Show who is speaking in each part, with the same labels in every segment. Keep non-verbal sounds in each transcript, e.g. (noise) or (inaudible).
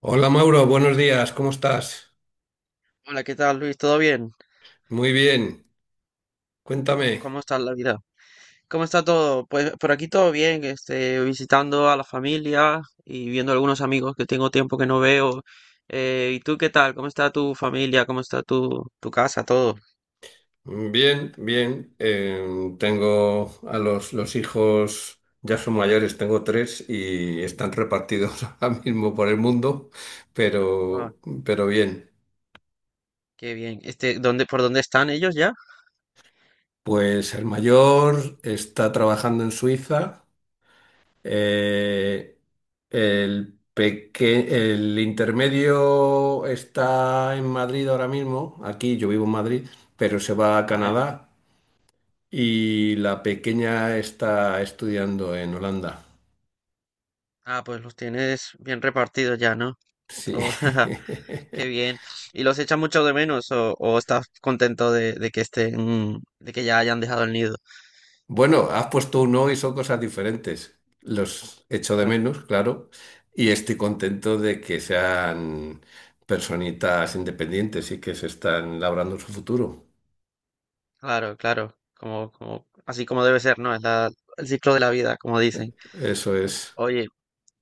Speaker 1: Hola Mauro, buenos días, ¿cómo estás?
Speaker 2: Hola, ¿qué tal, Luis? ¿Todo bien?
Speaker 1: Muy bien, cuéntame.
Speaker 2: ¿Cómo está la vida? ¿Cómo está todo? Pues por aquí todo bien, visitando a la familia y viendo algunos amigos que tengo tiempo que no veo. ¿Y tú qué tal? ¿Cómo está tu familia? ¿Cómo está tu casa? Todo.
Speaker 1: Bien, bien. Tengo a los hijos, ya son mayores, tengo tres y están repartidos (laughs) ahora mismo por el mundo,
Speaker 2: Ah,
Speaker 1: pero, pero bien.
Speaker 2: qué bien. ¿Por dónde están ellos ya?
Speaker 1: Pues el mayor está trabajando en Suiza. Eh, el, peque- el intermedio está en Madrid ahora mismo, aquí yo vivo en Madrid, pero se va a
Speaker 2: Vale.
Speaker 1: Canadá. Y la pequeña está estudiando en Holanda.
Speaker 2: Ah, pues los tienes bien repartidos ya, ¿no?
Speaker 1: Sí.
Speaker 2: Todo. (laughs) Qué
Speaker 1: (laughs)
Speaker 2: bien. ¿Y los echas mucho de menos o estás contento de que estén, de que ya hayan dejado el nido?
Speaker 1: Bueno, has puesto un no y son cosas diferentes. Los echo de menos, claro, y estoy contento de que sean personitas independientes y que se están labrando su futuro.
Speaker 2: Claro, claro, como, así como debe ser, ¿no? Es el ciclo de la vida, como dicen.
Speaker 1: Eso
Speaker 2: Mm.
Speaker 1: es.
Speaker 2: Oye,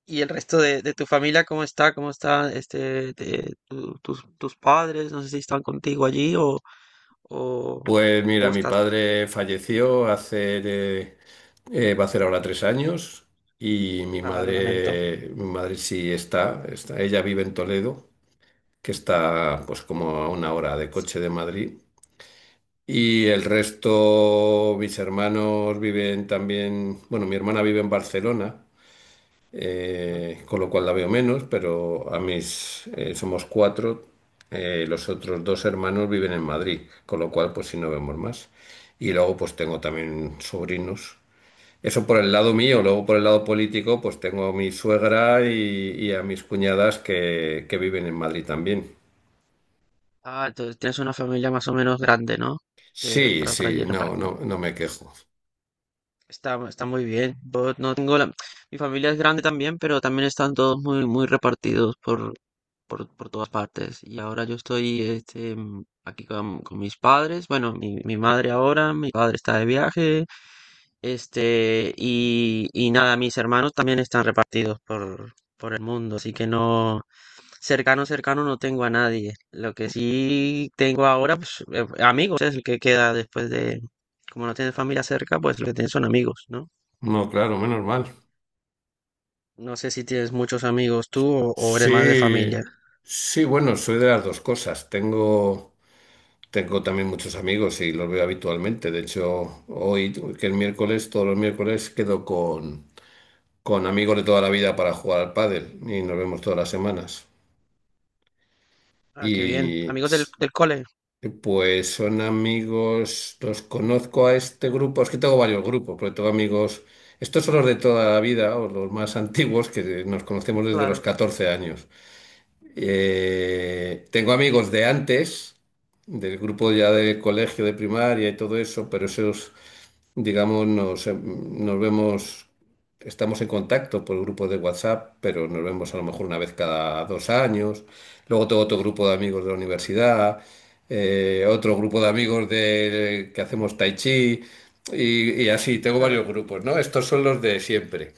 Speaker 2: ¿y el resto de tu familia cómo está? ¿Cómo está de tus padres? No sé si están contigo allí o,
Speaker 1: Pues mira,
Speaker 2: o
Speaker 1: mi
Speaker 2: estás.
Speaker 1: padre falleció, eh, va a hacer ahora 3 años. Y
Speaker 2: Ah, lo lamento.
Speaker 1: mi madre sí está, ella vive en Toledo, que está pues como a una hora de coche de Madrid. Y el resto, mis hermanos viven también. Bueno, mi hermana vive en Barcelona,
Speaker 2: Ujú.
Speaker 1: con lo cual la veo menos, pero somos cuatro, los otros dos hermanos viven en Madrid, con lo cual pues sí no vemos más. Y luego pues tengo también sobrinos. Eso por el lado mío, luego por el lado político pues tengo a mi suegra y a mis cuñadas que viven en Madrid también.
Speaker 2: Ah, entonces tienes una familia más o menos grande, ¿no? Que
Speaker 1: Sí,
Speaker 2: para
Speaker 1: sí,
Speaker 2: allí
Speaker 1: no,
Speaker 2: repartida.
Speaker 1: no, no me quejo.
Speaker 2: Está muy bien. Yo no tengo la. Mi familia es grande también, pero también están todos muy, muy repartidos por todas partes. Y ahora yo estoy aquí con mis padres. Bueno, mi madre ahora, mi padre está de viaje. Y nada, mis hermanos también están repartidos por el mundo. Así que no, cercano, cercano no tengo a nadie. Lo que sí tengo ahora, pues amigos, es el que queda después de, como no tienes familia cerca, pues lo que tienes son amigos, ¿no?
Speaker 1: No, claro, menos mal.
Speaker 2: No sé si tienes muchos amigos tú o eres más de familia.
Speaker 1: Sí, sí, bueno, soy de las dos cosas. Tengo también muchos amigos y los veo habitualmente. De hecho, hoy, que es miércoles, todos los miércoles, quedo con amigos de toda la vida para jugar al pádel y nos vemos todas las semanas.
Speaker 2: Ah, qué bien.
Speaker 1: Y
Speaker 2: Amigos del cole.
Speaker 1: Pues son amigos, los conozco a este grupo, es que tengo varios grupos, porque tengo amigos, estos son los de toda la vida, o los más (laughs) antiguos, que nos
Speaker 2: Sí,
Speaker 1: conocemos desde los
Speaker 2: claro.
Speaker 1: 14 años. Tengo amigos de antes, del grupo ya de colegio, de primaria y todo eso, pero esos, digamos, nos vemos, estamos en contacto por grupos de WhatsApp, pero nos vemos a lo mejor una vez cada 2 años. Luego tengo otro grupo de amigos de la universidad, otro grupo de amigos que hacemos tai chi y así, tengo
Speaker 2: Ajá.
Speaker 1: varios grupos, ¿no? Estos son los de siempre.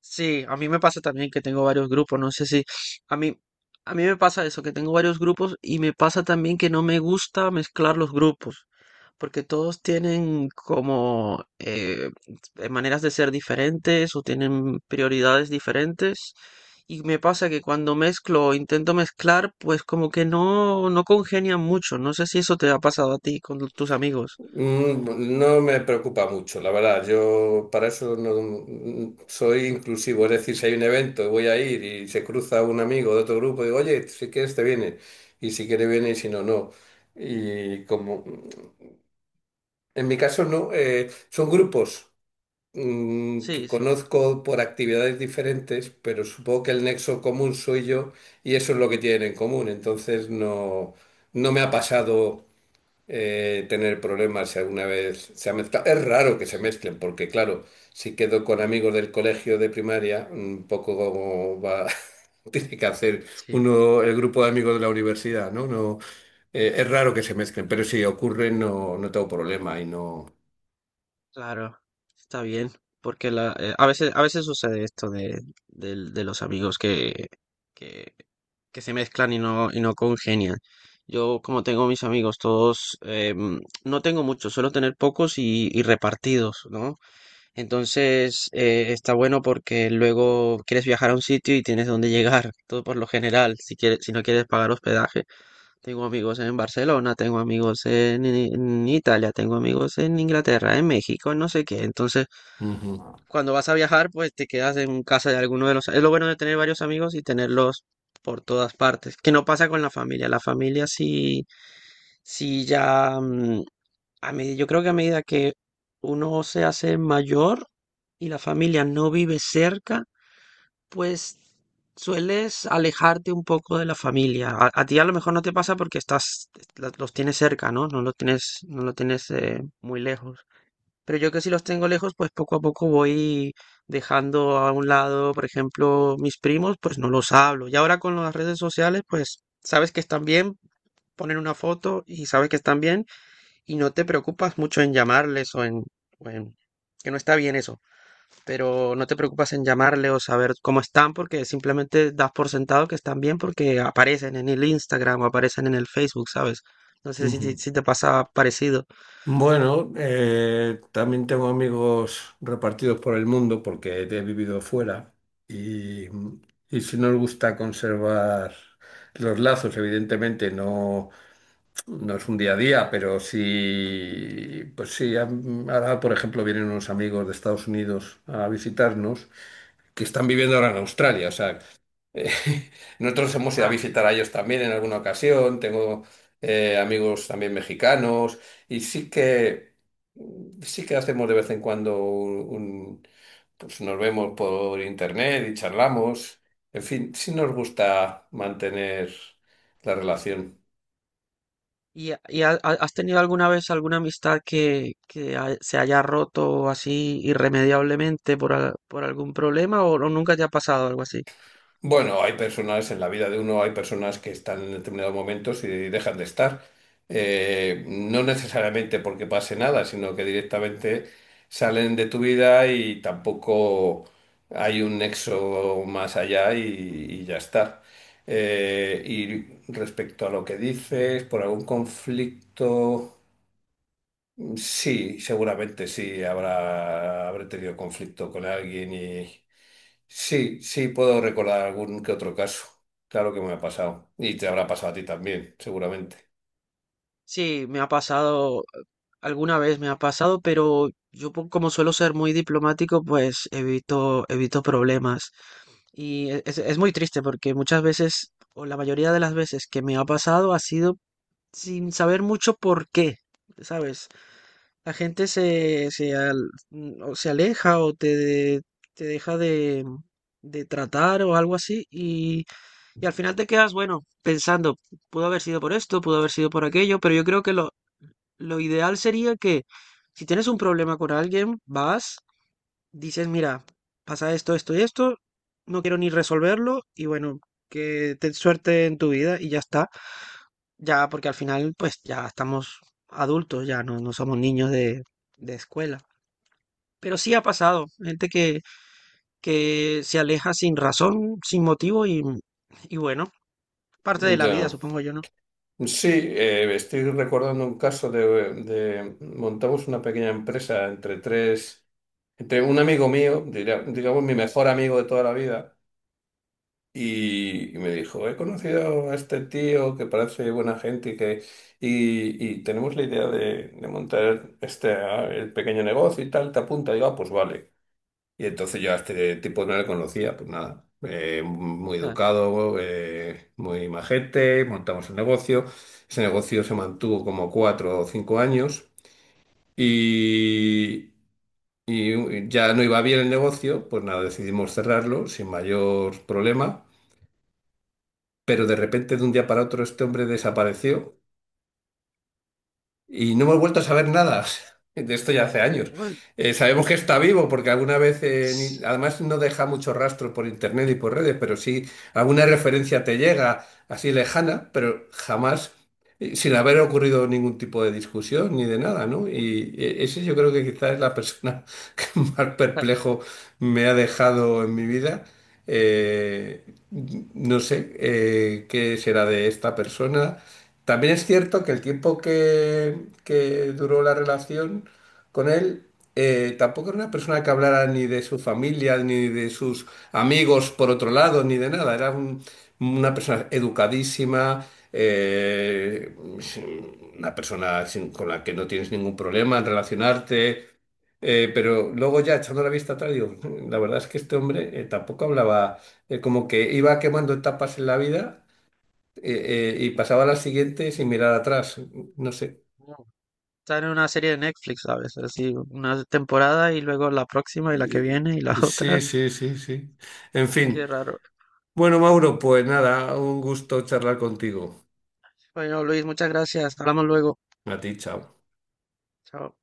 Speaker 2: Sí, a mí me pasa también que tengo varios grupos. No sé si a mí, a mí me pasa eso, que tengo varios grupos y me pasa también que no me gusta mezclar los grupos, porque todos tienen como maneras de ser diferentes o tienen prioridades diferentes. Y me pasa que cuando mezclo o intento mezclar, pues como que no congenian mucho. No sé si eso te ha pasado a ti con tus amigos.
Speaker 1: Mm, No me preocupa mucho, la verdad. Yo para eso no, soy inclusivo. Es decir, si hay un evento y voy a ir y se cruza un amigo de otro grupo, digo, oye, si quieres te viene. Y si quiere viene y si no, no. Y como en mi caso no, son grupos que
Speaker 2: Sí,
Speaker 1: conozco por actividades diferentes, pero supongo que el nexo común soy yo y eso es lo que tienen en común. Entonces no, no me ha pasado tener problemas si alguna vez se ha mezclado. Es raro que se mezclen, porque claro, si quedo con amigos del colegio de primaria, un poco como va, (laughs) tiene que hacer
Speaker 2: sí.
Speaker 1: uno el grupo de amigos de la universidad, ¿no? No, es raro que se mezclen, pero si ocurre no, no tengo problema y no.
Speaker 2: Claro, está bien, porque a veces sucede esto de los amigos que, que se mezclan y no congenian. Yo, como tengo mis amigos todos, no tengo muchos, suelo tener pocos y repartidos, ¿no? Entonces, está bueno porque luego quieres viajar a un sitio y tienes dónde llegar, todo por lo general, si quieres, si no quieres pagar hospedaje. Tengo amigos en Barcelona, tengo amigos en Italia, tengo amigos en Inglaterra, en México, en no sé qué. Entonces,
Speaker 1: Ujú,
Speaker 2: cuando vas a viajar, pues te quedas en casa de alguno de los. Es lo bueno de tener varios amigos y tenerlos por todas partes, que no pasa con la familia. La familia sí, sí ya, yo creo que a medida que uno se hace mayor y la familia no vive cerca, pues sueles alejarte un poco de la familia. A ti a lo mejor no te pasa porque estás, los tienes cerca, ¿no? No lo tienes muy lejos. Pero yo que sí los tengo lejos, pues poco a poco voy dejando a un lado, por ejemplo, mis primos, pues no los hablo. Y ahora con las redes sociales, pues sabes que están bien, ponen una foto y sabes que están bien y no te preocupas mucho en llamarles o en que no está bien eso, pero no te preocupas en llamarle o saber cómo están porque simplemente das por sentado que están bien porque aparecen en el Instagram o aparecen en el Facebook, ¿sabes? No sé si, si-
Speaker 1: ujú.
Speaker 2: si te pasa parecido.
Speaker 1: Bueno, también tengo amigos repartidos por el mundo porque he vivido fuera, y, y si nos gusta conservar los lazos, evidentemente no, no es un día a día, pero sí, pues sí, ahora por ejemplo vienen unos amigos de Estados Unidos a visitarnos, que están viviendo ahora en Australia, o sea. (laughs) Nosotros hemos ido a
Speaker 2: Ah,
Speaker 1: visitar a ellos también en alguna ocasión. Tengo amigos también mexicanos y sí que hacemos de vez en cuando pues nos vemos por internet y charlamos. En fin, sí nos gusta mantener la relación.
Speaker 2: ¿y has tenido alguna vez alguna amistad que se haya roto así irremediablemente por algún problema o nunca te ha pasado algo así?
Speaker 1: Bueno, hay personas en la vida de uno, hay personas que están en determinados momentos y dejan de estar. No necesariamente porque pase nada, sino que directamente salen de tu vida y tampoco hay un nexo más allá, y ya está. Y respecto a lo que dices, por algún conflicto, sí, seguramente sí, habré tenido conflicto con alguien. Sí, sí, puedo recordar algún que otro caso. Claro que me ha pasado. Y te habrá pasado a ti también, seguramente.
Speaker 2: Sí, me ha pasado, alguna vez me ha pasado, pero como suelo ser muy diplomático, pues evito, evito problemas. Y es muy triste porque muchas veces, o la mayoría de las veces que me ha pasado, ha sido sin saber mucho por qué, ¿sabes? La gente, o se aleja o te deja de tratar o algo así, y al final te quedas, bueno, pensando, pudo haber sido por esto, pudo haber sido por aquello, pero yo creo que lo ideal sería que si tienes un problema con alguien, vas, dices, mira, pasa esto, esto y esto, no quiero ni resolverlo y bueno, que te suerte en tu vida y ya está. Ya, porque al final, pues ya estamos adultos, ya no somos niños de escuela. Pero sí ha pasado, gente que se aleja sin razón, sin motivo y bueno, parte de la vida,
Speaker 1: Ya.
Speaker 2: supongo yo, ¿no?
Speaker 1: Sí, estoy recordando un caso montamos una pequeña empresa entre tres, entre un amigo mío, digamos mi mejor amigo de toda la vida, y me dijo, he conocido a este tío que parece buena gente y tenemos la idea de montar el pequeño negocio y tal, te apunta, y digo, "Ah, pues vale". Y entonces yo a este tipo no le conocía, pues nada,
Speaker 2: O
Speaker 1: muy
Speaker 2: sea,
Speaker 1: educado, muy majete, montamos un negocio. Ese negocio se mantuvo como 4 o 5 años, y, y ya no iba bien el negocio, pues nada, decidimos cerrarlo sin mayor problema, pero de repente de un día para otro este hombre desapareció. Y no hemos vuelto a saber nada (laughs) de esto ya hace años.
Speaker 2: uy,
Speaker 1: Sabemos que está vivo porque alguna vez,
Speaker 2: (sniffs)
Speaker 1: además no deja mucho rastro por internet y por redes, pero sí alguna referencia te llega así lejana, pero jamás, sin haber ocurrido ningún tipo de discusión ni de nada, ¿no? Y ese yo creo que quizás es la persona (laughs) que más
Speaker 2: o sea,
Speaker 1: perplejo me ha dejado en mi vida. Eh, no
Speaker 2: no,
Speaker 1: sé qué será de esta persona. También es cierto que el tiempo que duró la relación con él, tampoco era una persona que hablara ni de su familia, ni de sus amigos por otro lado, ni de nada. Era una persona educadísima, eh, una persona con la que no tienes ningún problema en relacionarte. Pero luego ya
Speaker 2: pues,
Speaker 1: echando la vista atrás, digo, "La verdad es que este hombre tampoco hablaba, como que iba quemando etapas en la vida, y pasaba a la siguiente sin mirar atrás. No sé".
Speaker 2: no. Sale una serie de Netflix a veces, así una temporada y luego la próxima y la que
Speaker 1: Eh,
Speaker 2: viene y la (laughs)
Speaker 1: Sí
Speaker 2: otra.
Speaker 1: sí, sí, sí. En fin.
Speaker 2: Qué raro.
Speaker 1: Bueno, Mauro, pues nada, un gusto charlar contigo.
Speaker 2: Bueno, Luis, muchas gracias. Hablamos luego.
Speaker 1: A ti, chao.
Speaker 2: Chao.